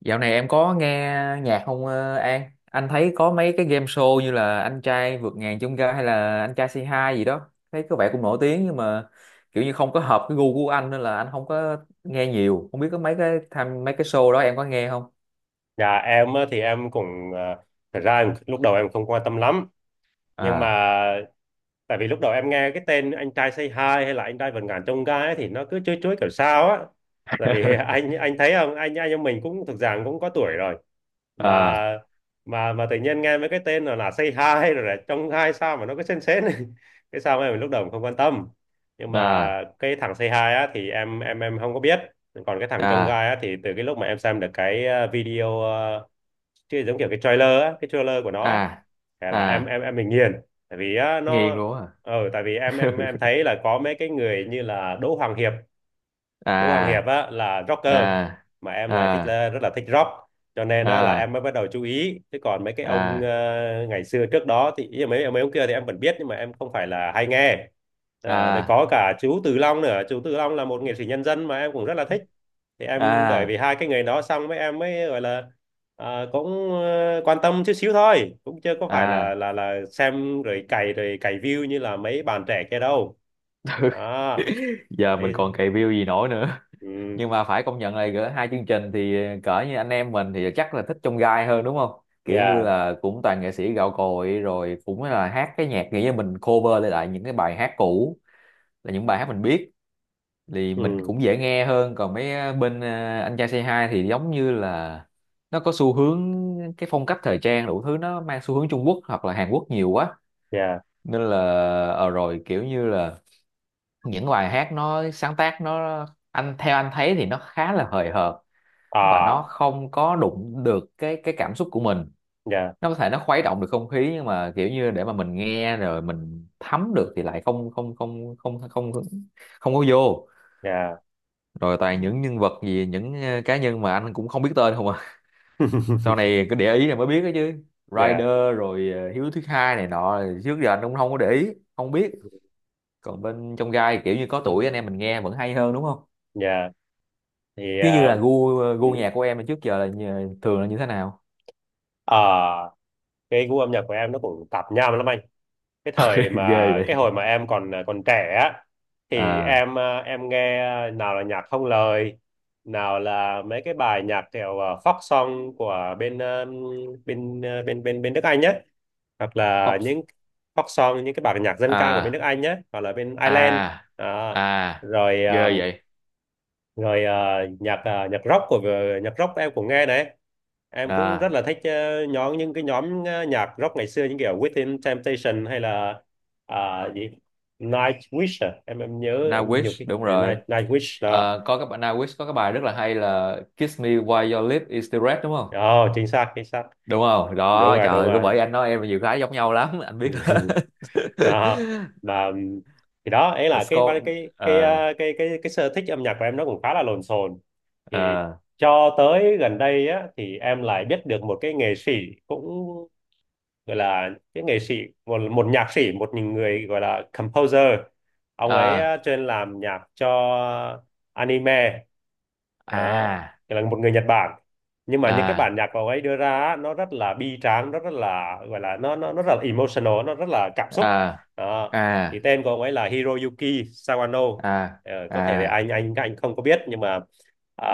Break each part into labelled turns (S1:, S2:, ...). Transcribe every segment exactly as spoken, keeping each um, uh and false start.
S1: Dạo này em có nghe nhạc không ờ, An? Anh thấy có mấy cái game show như là Anh trai vượt ngàn chông gai hay là Anh trai c hai gì đó. Thấy có vẻ cũng nổi tiếng nhưng mà kiểu như không có hợp cái gu của anh nên là anh không có nghe nhiều. Không biết có mấy cái tham mấy cái show đó em có nghe không?
S2: Dạ em á, thì em cũng à, thật ra em, lúc đầu em không quan tâm lắm nhưng mà
S1: À.
S2: tại vì lúc đầu em nghe cái tên anh trai Say Hi hay là anh trai vượt ngàn chông gai ấy, thì nó cứ chuối chuối kiểu sao á tại vì anh anh thấy không, anh anh em mình cũng thực ra cũng có tuổi rồi mà
S1: À.
S2: mà mà tự nhiên nghe mấy cái tên là, là Say Hi rồi là chông gai sao mà nó cứ sến sến cái sao em lúc đầu không quan tâm nhưng mà
S1: À.
S2: cái thằng Say Hi á thì em em em không có biết, còn cái thằng chông
S1: À.
S2: gai á thì từ cái lúc mà em xem được cái ờ, video, ờ, chứ giống kiểu cái trailer á, cái trailer của nó á,
S1: À.
S2: thế là em
S1: À.
S2: em em bị nghiền tại vì á,
S1: Nghiền
S2: nó
S1: luôn á.
S2: ừ, tại vì em em em thấy là có mấy cái người như là Đỗ Hoàng Hiệp, Đỗ Hoàng Hiệp á là rocker mà
S1: À.
S2: em lại thích
S1: À.
S2: là, rất là thích rock cho nên á, là em
S1: À.
S2: mới bắt đầu chú ý chứ còn mấy cái ông
S1: À.
S2: ờ, ngày xưa trước đó thì ý là mấy mấy ông kia thì em vẫn biết nhưng mà em không phải là hay nghe. Ờ, đây
S1: À.
S2: có cả chú Từ Long nữa, chú Từ Long là một nghệ sĩ nhân dân mà em cũng rất là thích thì em bởi vì
S1: À.
S2: hai cái nghề đó xong mấy em mới gọi là à, cũng ờ, quan tâm chút xíu thôi cũng chưa có phải là
S1: À.
S2: là là xem rồi cày rồi cày view như là mấy bạn trẻ kia đâu đó.
S1: Giờ mình
S2: Đấy.
S1: còn cày view gì nổi nữa?
S2: Ừ,
S1: Nhưng mà phải công nhận là gỡ hai chương trình thì cỡ như anh em mình thì chắc là thích trong gai hơn, đúng không? Kiểu như
S2: yeah,
S1: là cũng toàn nghệ sĩ gạo cội rồi, cũng là hát cái nhạc, nghĩa là mình cover lại lại những cái bài hát cũ, là những bài hát mình biết thì mình
S2: ừ,
S1: cũng dễ nghe hơn. Còn mấy ờ, bên à, anh trai Say hai thì giống như là nó có xu hướng, cái phong cách thời trang đủ thứ nó mang xu hướng Trung Quốc hoặc là Hàn Quốc nhiều quá.
S2: yeah,
S1: Nên là ờ rồi kiểu như là những bài hát nó sáng tác nó, anh theo anh thấy thì nó khá là hời hợt và nó
S2: à,
S1: không có đụng được cái cái cảm xúc của mình.
S2: yeah,
S1: Nó có thể nó khuấy động được không khí nhưng mà kiểu như để mà mình nghe rồi mình thấm được thì lại không không không không không không, không có vô.
S2: yeah,
S1: Rồi toàn những nhân vật gì, những ờ, cá nhân mà anh cũng không biết tên không à, sau này cứ để ý này mới biết đó chứ.
S2: yeah,
S1: Rider rồi ờ, Hiếu thứ hai này nọ trước giờ anh cũng không có để ý, không biết. Còn bên trong gai kiểu như có tuổi anh em mình nghe vẫn hay hơn, đúng không?
S2: yeah thì
S1: Chứ như là
S2: ờ,
S1: gu
S2: ừ.
S1: gu nhạc của em là trước giờ là như- thường là như thế nào?
S2: À, cái gu âm nhạc của em nó cũng tạp nham lắm anh. Cái thời mà
S1: Ghê
S2: cái
S1: vậy.
S2: hồi mà em còn còn trẻ á thì
S1: À.
S2: em ờ, em nghe ờ, nào là nhạc không lời, nào là mấy cái bài nhạc kiểu ờ, folk song của bên ờ, bên ờ, bên bên bên nước Anh nhé, hoặc là
S1: Pop.
S2: những folk song, những cái bản nhạc dân ca của bên nước
S1: À.
S2: Anh nhé hoặc là bên Ireland.
S1: À.
S2: Đó.
S1: À.
S2: Rồi
S1: Ghê
S2: ờ,
S1: vậy.
S2: rồi ờ, nhạc ờ, nhạc rock của nhạc rock em cũng nghe này, em cũng rất
S1: À.
S2: là thích ờ, nhóm những cái nhóm ờ, nhạc rock ngày xưa những kiểu Within Temptation hay là à, gì Nightwish à? em em nhớ em
S1: Nowitch,
S2: nhiều cái
S1: đúng
S2: ờ,
S1: rồi.
S2: Night Nightwish đó.
S1: Ờ, có các bạn Nowitch có cái bài rất là hay là Kiss me while your lip is still red, đúng không?
S2: Oh, chính xác chính xác.
S1: Đúng không
S2: Đúng
S1: đó,
S2: rồi
S1: trời
S2: đúng
S1: ơi, cứ
S2: rồi.
S1: bởi anh nói em nhiều cái giống nhau lắm, anh biết hết.
S2: Đó mà ừm, thì đó ấy
S1: The
S2: là cái cái
S1: score.
S2: cái cái
S1: Ờ.
S2: ờ, cái cái, cái sở thích âm nhạc của em nó cũng khá là lộn xộn thì
S1: Ờ.
S2: cho tới gần đây á thì em lại biết được một cái nghệ sĩ cũng gọi là những nghệ sĩ, một một nhạc sĩ, một người gọi là composer, ông ấy
S1: Ờ.
S2: ờ, chuyên làm nhạc cho anime. Đó,
S1: À.
S2: là một người Nhật Bản nhưng mà những cái
S1: À.
S2: bản nhạc của ông ấy đưa ra á, nó rất là bi tráng, nó rất là gọi là nó nó nó rất là emotional, nó rất là cảm xúc.
S1: À.
S2: Đó. Thì
S1: À.
S2: tên của ông ấy là Hiroyuki Sawano.
S1: À.
S2: Ờ, có thể là
S1: À.
S2: anh anh anh không có biết nhưng mà à,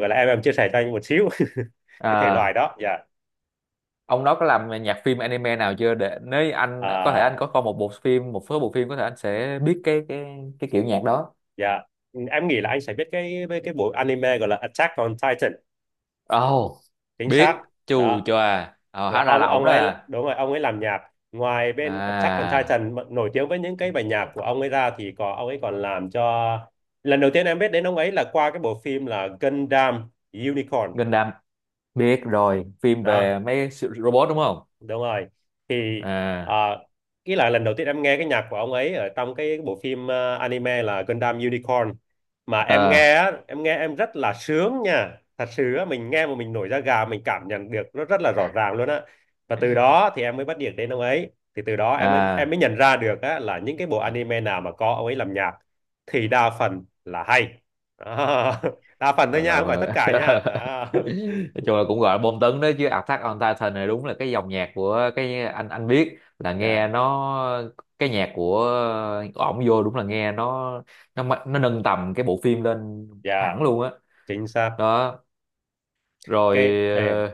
S2: gọi là em em chia sẻ cho anh một xíu cái thể loại
S1: À.
S2: đó dạ.
S1: Ông đó có làm nhạc phim anime nào chưa, để nếu anh có thể
S2: À,
S1: anh có coi một bộ phim, một số bộ phim có thể anh sẽ biết cái cái cái kiểu nhạc đó.
S2: dạ, ừ, em nghĩ là anh sẽ biết cái với cái bộ anime gọi là Attack on Titan,
S1: Ồ,
S2: chính xác.
S1: biết chù
S2: Đó,
S1: chòa, ờ,
S2: là
S1: hóa ra là
S2: ông
S1: ổng
S2: ông
S1: đó
S2: ấy
S1: à.
S2: đúng rồi, ông ấy làm nhạc. Ngoài bên Attack on
S1: À.
S2: Titan mà nổi tiếng với những cái bài nhạc của ông ấy ra thì có ông ấy còn làm cho lần đầu tiên em biết đến ông ấy là qua cái bộ phim là Gundam Unicorn.
S1: Gundam, biết rồi, phim về
S2: Đó,
S1: mấy siêu- robot đúng không.
S2: đúng rồi thì
S1: À.
S2: à, ý là lần đầu tiên em nghe cái nhạc của ông ấy ở trong cái bộ phim, à, anime là Gundam Unicorn mà em nghe
S1: À.
S2: á, em nghe em rất là sướng nha, thật sự á, mình nghe mà mình nổi da gà, mình cảm nhận được nó rất là rõ ràng luôn á. Và từ đó thì em mới bắt điện đến ông ấy thì từ đó em mới em
S1: À.
S2: mới nhận ra được á, là những cái bộ anime nào mà có ông ấy làm nhạc thì đa phần là hay. Đó. Đa phần thôi
S1: Gọi là
S2: nha, không phải tất cả nha. Đó
S1: nói chung là cũng gọi là bom tấn đó chứ. Attack on Titan này đúng là cái dòng nhạc của cái, anh anh biết là
S2: dạ,
S1: nghe nó, cái nhạc của ổng vô đúng là nghe nó nó ma- nó nâng tầm cái bộ phim lên
S2: dạ,
S1: hẳn luôn á.
S2: chính xác.
S1: Đó. Rồi
S2: Cái ê,
S1: ờ,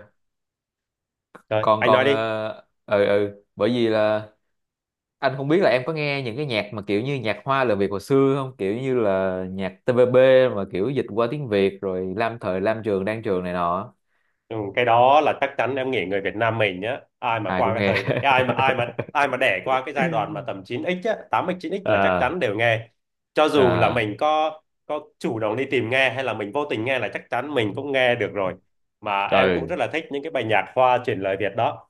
S2: rồi,
S1: còn
S2: anh
S1: còn
S2: nói đi.
S1: ờ, ừ ừ bởi vì là anh không biết là em có nghe những cái nhạc mà kiểu như nhạc hoa lời Việt hồi xưa không, kiểu như là nhạc tê vê bê mà kiểu dịch qua tiếng Việt rồi Lam Thời Lam Trường, Đan Trường này nọ,
S2: Ừ, cái đó là chắc chắn, em nghĩ người Việt Nam mình nhá, ai mà
S1: ai
S2: qua
S1: cũng
S2: cái
S1: nghe.
S2: thời, ai mà ai mà ai mà đẻ qua cái giai đoạn mà tầm chín ích á, tám ích chín ích là chắc chắn
S1: À.
S2: đều nghe cho dù là
S1: À.
S2: mình có có chủ động đi tìm nghe hay là mình vô tình nghe là chắc chắn mình cũng nghe được rồi, mà em cũng
S1: Ừ.
S2: rất là thích những cái bài nhạc hoa chuyển lời Việt đó.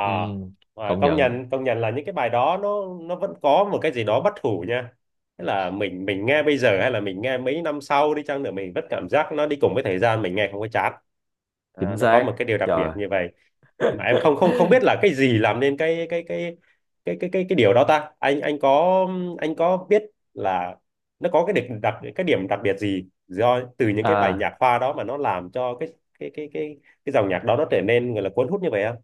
S1: Ừ.
S2: à,
S1: Công
S2: Công
S1: nhận.
S2: nhận, công nhận là những cái bài đó nó nó vẫn có một cái gì đó bất hủ nha. Tức là mình mình nghe bây giờ hay là mình nghe mấy năm sau đi chăng nữa mình vẫn cảm giác nó đi cùng với thời gian, mình nghe không có chán, à,
S1: Chính
S2: nó có
S1: xác.
S2: một cái điều đặc biệt
S1: Trời.
S2: như vậy mà em không không không biết là cái gì làm nên cái cái cái cái cái cái cái điều đó ta, anh anh có, anh có biết là nó có cái điểm đặc, cái điểm đặc biệt gì do từ những cái bài
S1: À,
S2: nhạc khoa đó mà nó làm cho cái cái cái cái cái dòng nhạc đó nó trở nên gọi là cuốn hút như vậy không?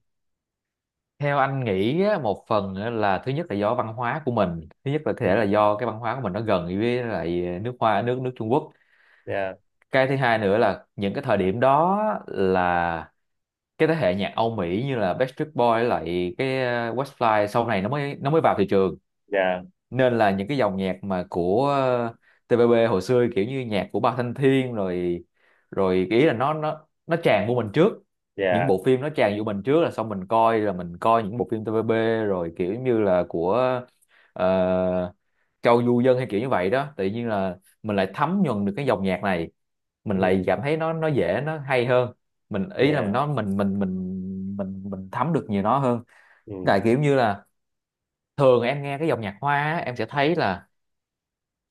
S1: theo anh nghĩ á, một phần á là thứ nhất là do văn hóa của mình, thứ nhất là có thể là
S2: Ừ,
S1: do cái văn hóa của mình nó gần với lại nước Hoa, nước nước Trung Quốc.
S2: dạ,
S1: Cái thứ hai nữa là những cái thời điểm đó là cái thế hệ nhạc Âu Mỹ như là Backstreet Boys lại cái uh, Westlife sau này nó mới nó mới vào thị trường.
S2: dạ,
S1: Nên là những cái dòng nhạc mà của ờ, tê pê bê hồi xưa, kiểu như nhạc của Ba Thanh Thiên rồi rồi cái ý là nó nó nó tràn vô mình trước, những
S2: dạ,
S1: bộ phim nó tràn vô mình trước, là xong mình coi, là mình coi những bộ phim tê pê bê rồi kiểu như là của ờ, Châu Du Dân hay kiểu như vậy đó, tự nhiên là mình lại thấm nhuần được cái dòng nhạc này, mình lại
S2: ừ,
S1: cảm thấy nó nó dễ, nó hay hơn, mình ý là mình
S2: dạ,
S1: nó mình mình mình mình mình thấm được nhiều nó hơn. Tại
S2: ừ,
S1: kiểu như là thường em nghe cái dòng nhạc hoa á, em sẽ thấy là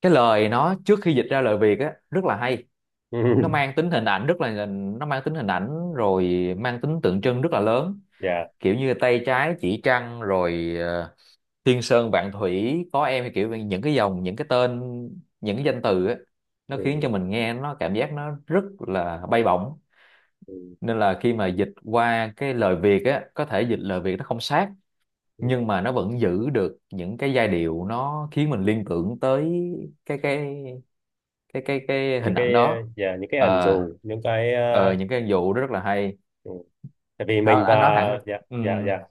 S1: cái lời nó trước khi dịch ra lời Việt á rất là hay,
S2: ừ,
S1: nó mang tính hình ảnh rất là nó mang tính hình ảnh rồi, mang tính tượng trưng rất là lớn,
S2: dạ,
S1: kiểu như tay trái chỉ trăng rồi ờ, thiên sơn vạn thủy có em, thì kiểu như những cái dòng, những cái tên, những cái danh từ á, nó khiến cho
S2: ừ,
S1: mình nghe nó, cảm giác nó rất là bay bổng.
S2: ừ,
S1: Nên là khi mà dịch qua cái lời Việt á, có thể dịch lời Việt nó không sát
S2: ừ.
S1: nhưng mà nó vẫn giữ được những cái giai điệu, nó khiến mình liên tưởng tới cái cái cái cái cái hình
S2: Những
S1: ảnh
S2: cái ờ,
S1: đó.
S2: dạ, những cái ẩn
S1: ờ
S2: dụ, những cái ờ,
S1: ờ, những cái vụ đó rất là hay.
S2: ừ, tại vì mình
S1: Thôi,
S2: và
S1: anh nói thẳng.
S2: dạ, dạ,
S1: ừm,
S2: dạ.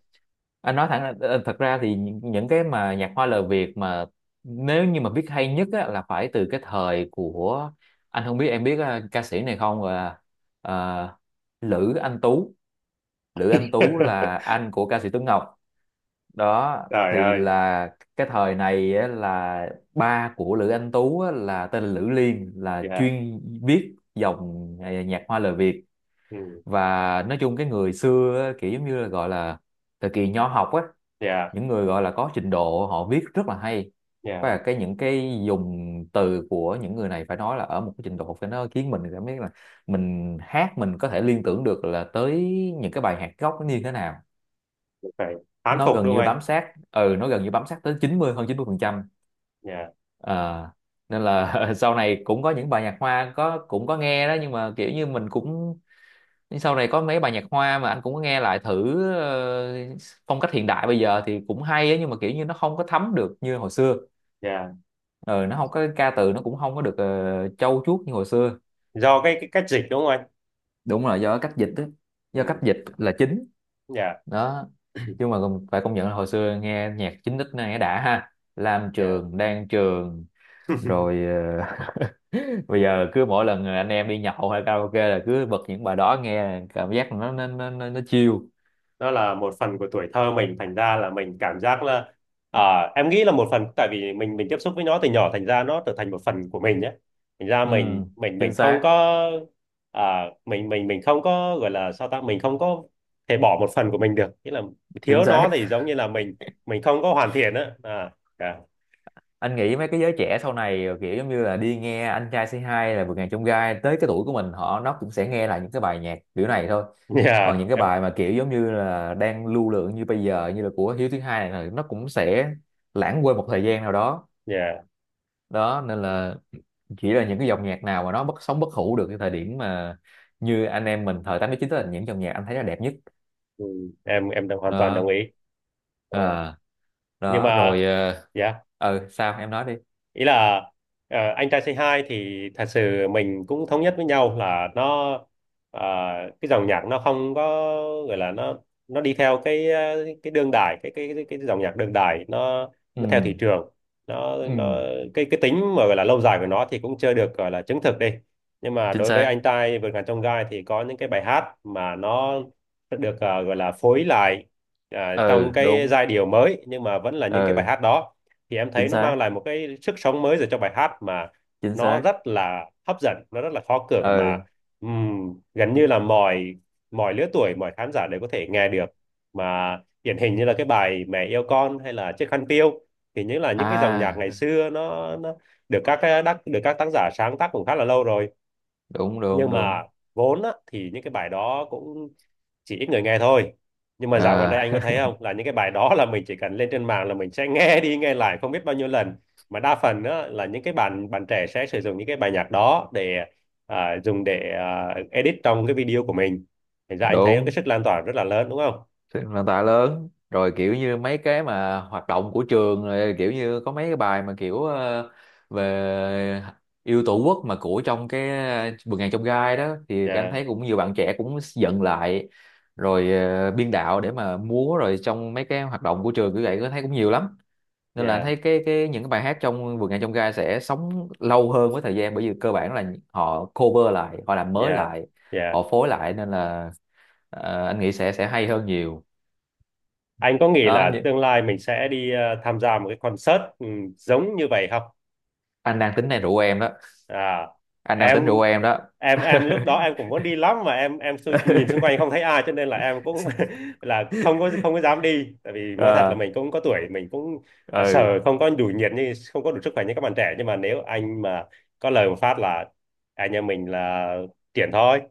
S1: anh nói thẳng là- ờ, Thật ra thì những, những cái mà nhạc hoa lời Việt mà, nếu như mà biết hay nhất á, là phải từ cái thời của, anh không biết em biết ờ, ca sĩ này không, là ờ, Lữ Anh Tú. Lữ Anh Tú là anh của ca sĩ Tuấn Ngọc đó.
S2: Trời
S1: Thì
S2: ơi,
S1: là cái thời này á, là ba của Lữ Anh Tú á, là tên là Lữ Liên, là
S2: dạ,
S1: chuyên viết dòng à, nhạc hoa lời Việt.
S2: ừ,
S1: Và nói chung cái người xưa á, kiểu giống như là gọi là thời kỳ nho học á,
S2: dạ,
S1: những người gọi là có trình độ họ viết rất là hay.
S2: dạ
S1: Và cái những cái dùng từ của những người này phải nói là ở một cái trình độ, phải, nó khiến mình cảm thấy là mình hát mình có thể liên tưởng được là tới những cái bài hát gốc nó như thế nào.
S2: phải, thán
S1: Nó
S2: phục
S1: gần
S2: đúng không
S1: như
S2: anh.
S1: bám sát ừ nó gần như bám sát tới chín mươi, hơn chín mươi phần trăm.
S2: Dạ,
S1: à, Nên là sau này cũng có những bài nhạc hoa có cũng có nghe đó, nhưng mà kiểu như mình cũng, sau này có mấy bài nhạc hoa mà anh cũng có nghe lại thử, ờ, phong cách hiện đại bây giờ thì cũng hay á, nhưng mà kiểu như nó không có thấm được như hồi xưa.
S2: dạ,
S1: Ừ, nó không có ca từ, nó cũng không có được ờ, trau chuốt như hồi xưa.
S2: do cái, cái cách dịch đúng không anh.
S1: Đúng là do cách dịch á,
S2: Ừ,
S1: do cách dịch là chính.
S2: dạ,
S1: Đó. Nhưng mà phải công nhận là hồi xưa nghe nhạc chín x này đã ha, Lam
S2: dạ,
S1: Trường, Đan Trường. Rồi ờ, bây giờ cứ mỗi lần anh em đi nhậu hay karaoke là cứ bật những bài đó nghe, cảm giác nó nó nó nó, nó chill.
S2: nó là một phần của tuổi thơ mình thành ra là mình cảm giác là à, em nghĩ là một phần tại vì mình mình tiếp xúc với nó từ nhỏ thành ra nó trở thành một phần của mình nhé, thành ra
S1: Ừ.
S2: mình mình
S1: Chính
S2: mình không
S1: xác.
S2: có à, mình mình mình không có gọi là sao ta, mình không có thể bỏ một phần của mình được, nghĩa là
S1: Chính
S2: thiếu
S1: xác.
S2: nó thì giống như là mình mình không có hoàn thiện á à, yeah.
S1: Anh nghĩ mấy cái giới trẻ sau này ờ, kiểu giống như là đi nghe anh trai c hai là vượt ngàn chông gai, tới cái tuổi của mình họ, nó cũng sẽ nghe lại những cái bài nhạc kiểu này thôi. Còn
S2: Yeah,
S1: những cái
S2: em
S1: bài mà kiểu giống như là đang lưu lượng như bây giờ như là của Hiếu thứ hai này, là nó cũng sẽ lãng quên một thời gian nào đó.
S2: yeah.
S1: Đó, nên là chỉ là những cái dòng nhạc nào mà nó bất sống, bất hủ được cái thời điểm mà như anh em mình thời tám chín là những dòng nhạc anh thấy là đẹp nhất.
S2: Ừ, em em đồng hoàn toàn đồng
S1: Đó.
S2: ý. Ờ,
S1: À.
S2: nhưng
S1: Đó.
S2: mà
S1: Rồi.
S2: yeah,
S1: Ờ ừ, sao em nói đi.
S2: ý là ờ, anh trai Say Hi thì thật sự mình cũng thống nhất với nhau là nó ờ, cái dòng nhạc nó không có gọi là nó nó đi theo cái ờ, cái đương đại cái cái cái, cái dòng nhạc đương đại nó
S1: Ừ.
S2: nó theo thị trường, nó nó
S1: Ừ.
S2: cái cái tính mà gọi là lâu dài của nó thì cũng chưa được gọi là chứng thực đi, nhưng mà
S1: Chính
S2: đối với
S1: xác.
S2: anh trai vượt ngàn chông gai thì có những cái bài hát mà nó được ờ, gọi là phối lại ờ, trong
S1: Ừ.
S2: cái
S1: Đúng.
S2: giai điệu mới nhưng mà vẫn là những cái bài
S1: Ừ.
S2: hát đó thì em thấy
S1: Chính
S2: nó
S1: xác.
S2: mang lại một cái sức sống mới rồi cho bài hát mà
S1: Chính
S2: nó
S1: xác.
S2: rất là hấp dẫn, nó rất là khó cưỡng mà
S1: Ừ.
S2: ừm, gần như là mọi mọi lứa tuổi, mọi khán giả đều có thể nghe được mà điển hình như là cái bài Mẹ yêu con hay là Chiếc khăn piêu thì những là những cái dòng nhạc
S1: À.
S2: ngày xưa nó, nó được các cái đắc được các tác giả sáng tác cũng khá là lâu rồi,
S1: Đúng, đúng,
S2: nhưng mà
S1: đúng.
S2: vốn á, thì những cái bài đó cũng chỉ ít người nghe thôi, nhưng mà dạo gần đây
S1: À.
S2: anh có thấy không là những cái bài đó là mình chỉ cần lên trên mạng là mình sẽ nghe đi nghe lại không biết bao nhiêu lần mà đa phần á, là những cái bạn bạn trẻ sẽ sử dụng những cái bài nhạc đó để à, dùng để à, edit trong cái video của mình, thành ra anh thấy cái
S1: Đúng.
S2: sức lan tỏa rất là lớn đúng không,
S1: Thì nền tảng lớn rồi, kiểu như mấy cái mà hoạt động của trường rồi, kiểu như có mấy cái bài mà kiểu ờ, về yêu tổ quốc mà của trong cái ờ, vườn ngàn trong gai đó, thì anh
S2: dạ,
S1: thấy cũng nhiều bạn trẻ cũng dựng lại rồi, ờ, biên đạo để mà múa rồi, trong mấy cái hoạt động của trường như vậy có thấy cũng nhiều lắm. Nên là anh
S2: dạ,
S1: thấy cái cái những cái bài hát trong vườn ngàn trong gai sẽ sống lâu hơn với thời gian, bởi vì cơ bản là họ cover lại, họ làm mới
S2: dạ,
S1: lại,
S2: dạ,
S1: họ phối lại, nên là ờ, anh nghĩ sẽ sẽ hay hơn nhiều.
S2: anh có nghĩ
S1: Đó,
S2: là tương lai mình sẽ đi à, tham gia một cái concert ừ, giống như vậy không,
S1: anh đang tính này rủ em đó,
S2: à
S1: anh đang
S2: em,
S1: tính rủ em đó.
S2: em em lúc đó em cũng muốn đi lắm mà em em xu- nhìn xung quanh không thấy ai cho nên là em cũng là không có không có dám đi tại vì nói thật là
S1: Ờ.
S2: mình cũng có tuổi, mình cũng à,
S1: Ừ.
S2: sợ không có đủ nhiệt như không có đủ sức khỏe như các bạn trẻ nhưng mà nếu anh mà có lời một phát là anh em mình là triển thôi.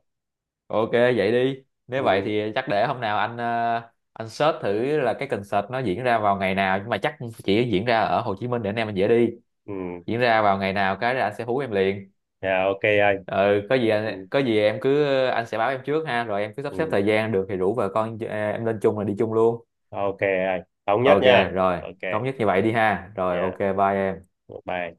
S1: Ok, vậy đi, nếu vậy
S2: Ừ,
S1: thì chắc để hôm nào anh ờ, anh search thử là cái concert nó diễn ra vào ngày nào, nhưng mà chắc chỉ diễn ra ở Hồ Chí Minh để anh em mình dễ đi.
S2: ừ.
S1: Diễn ra vào ngày nào cái là anh sẽ hú em liền.
S2: Dạ, ok anh.
S1: Ừ, có gì
S2: Ừ,
S1: anh, có gì em cứ, anh sẽ báo em trước ha, rồi em cứ sắp xếp
S2: ừ.
S1: thời gian được thì rủ vợ con ờ, em lên chung là đi chung luôn.
S2: Ok anh, thống nhất
S1: Ok,
S2: nha.
S1: rồi
S2: Ok
S1: thống nhất như vậy đi ha, rồi ok,
S2: dạ
S1: bye em.
S2: bye.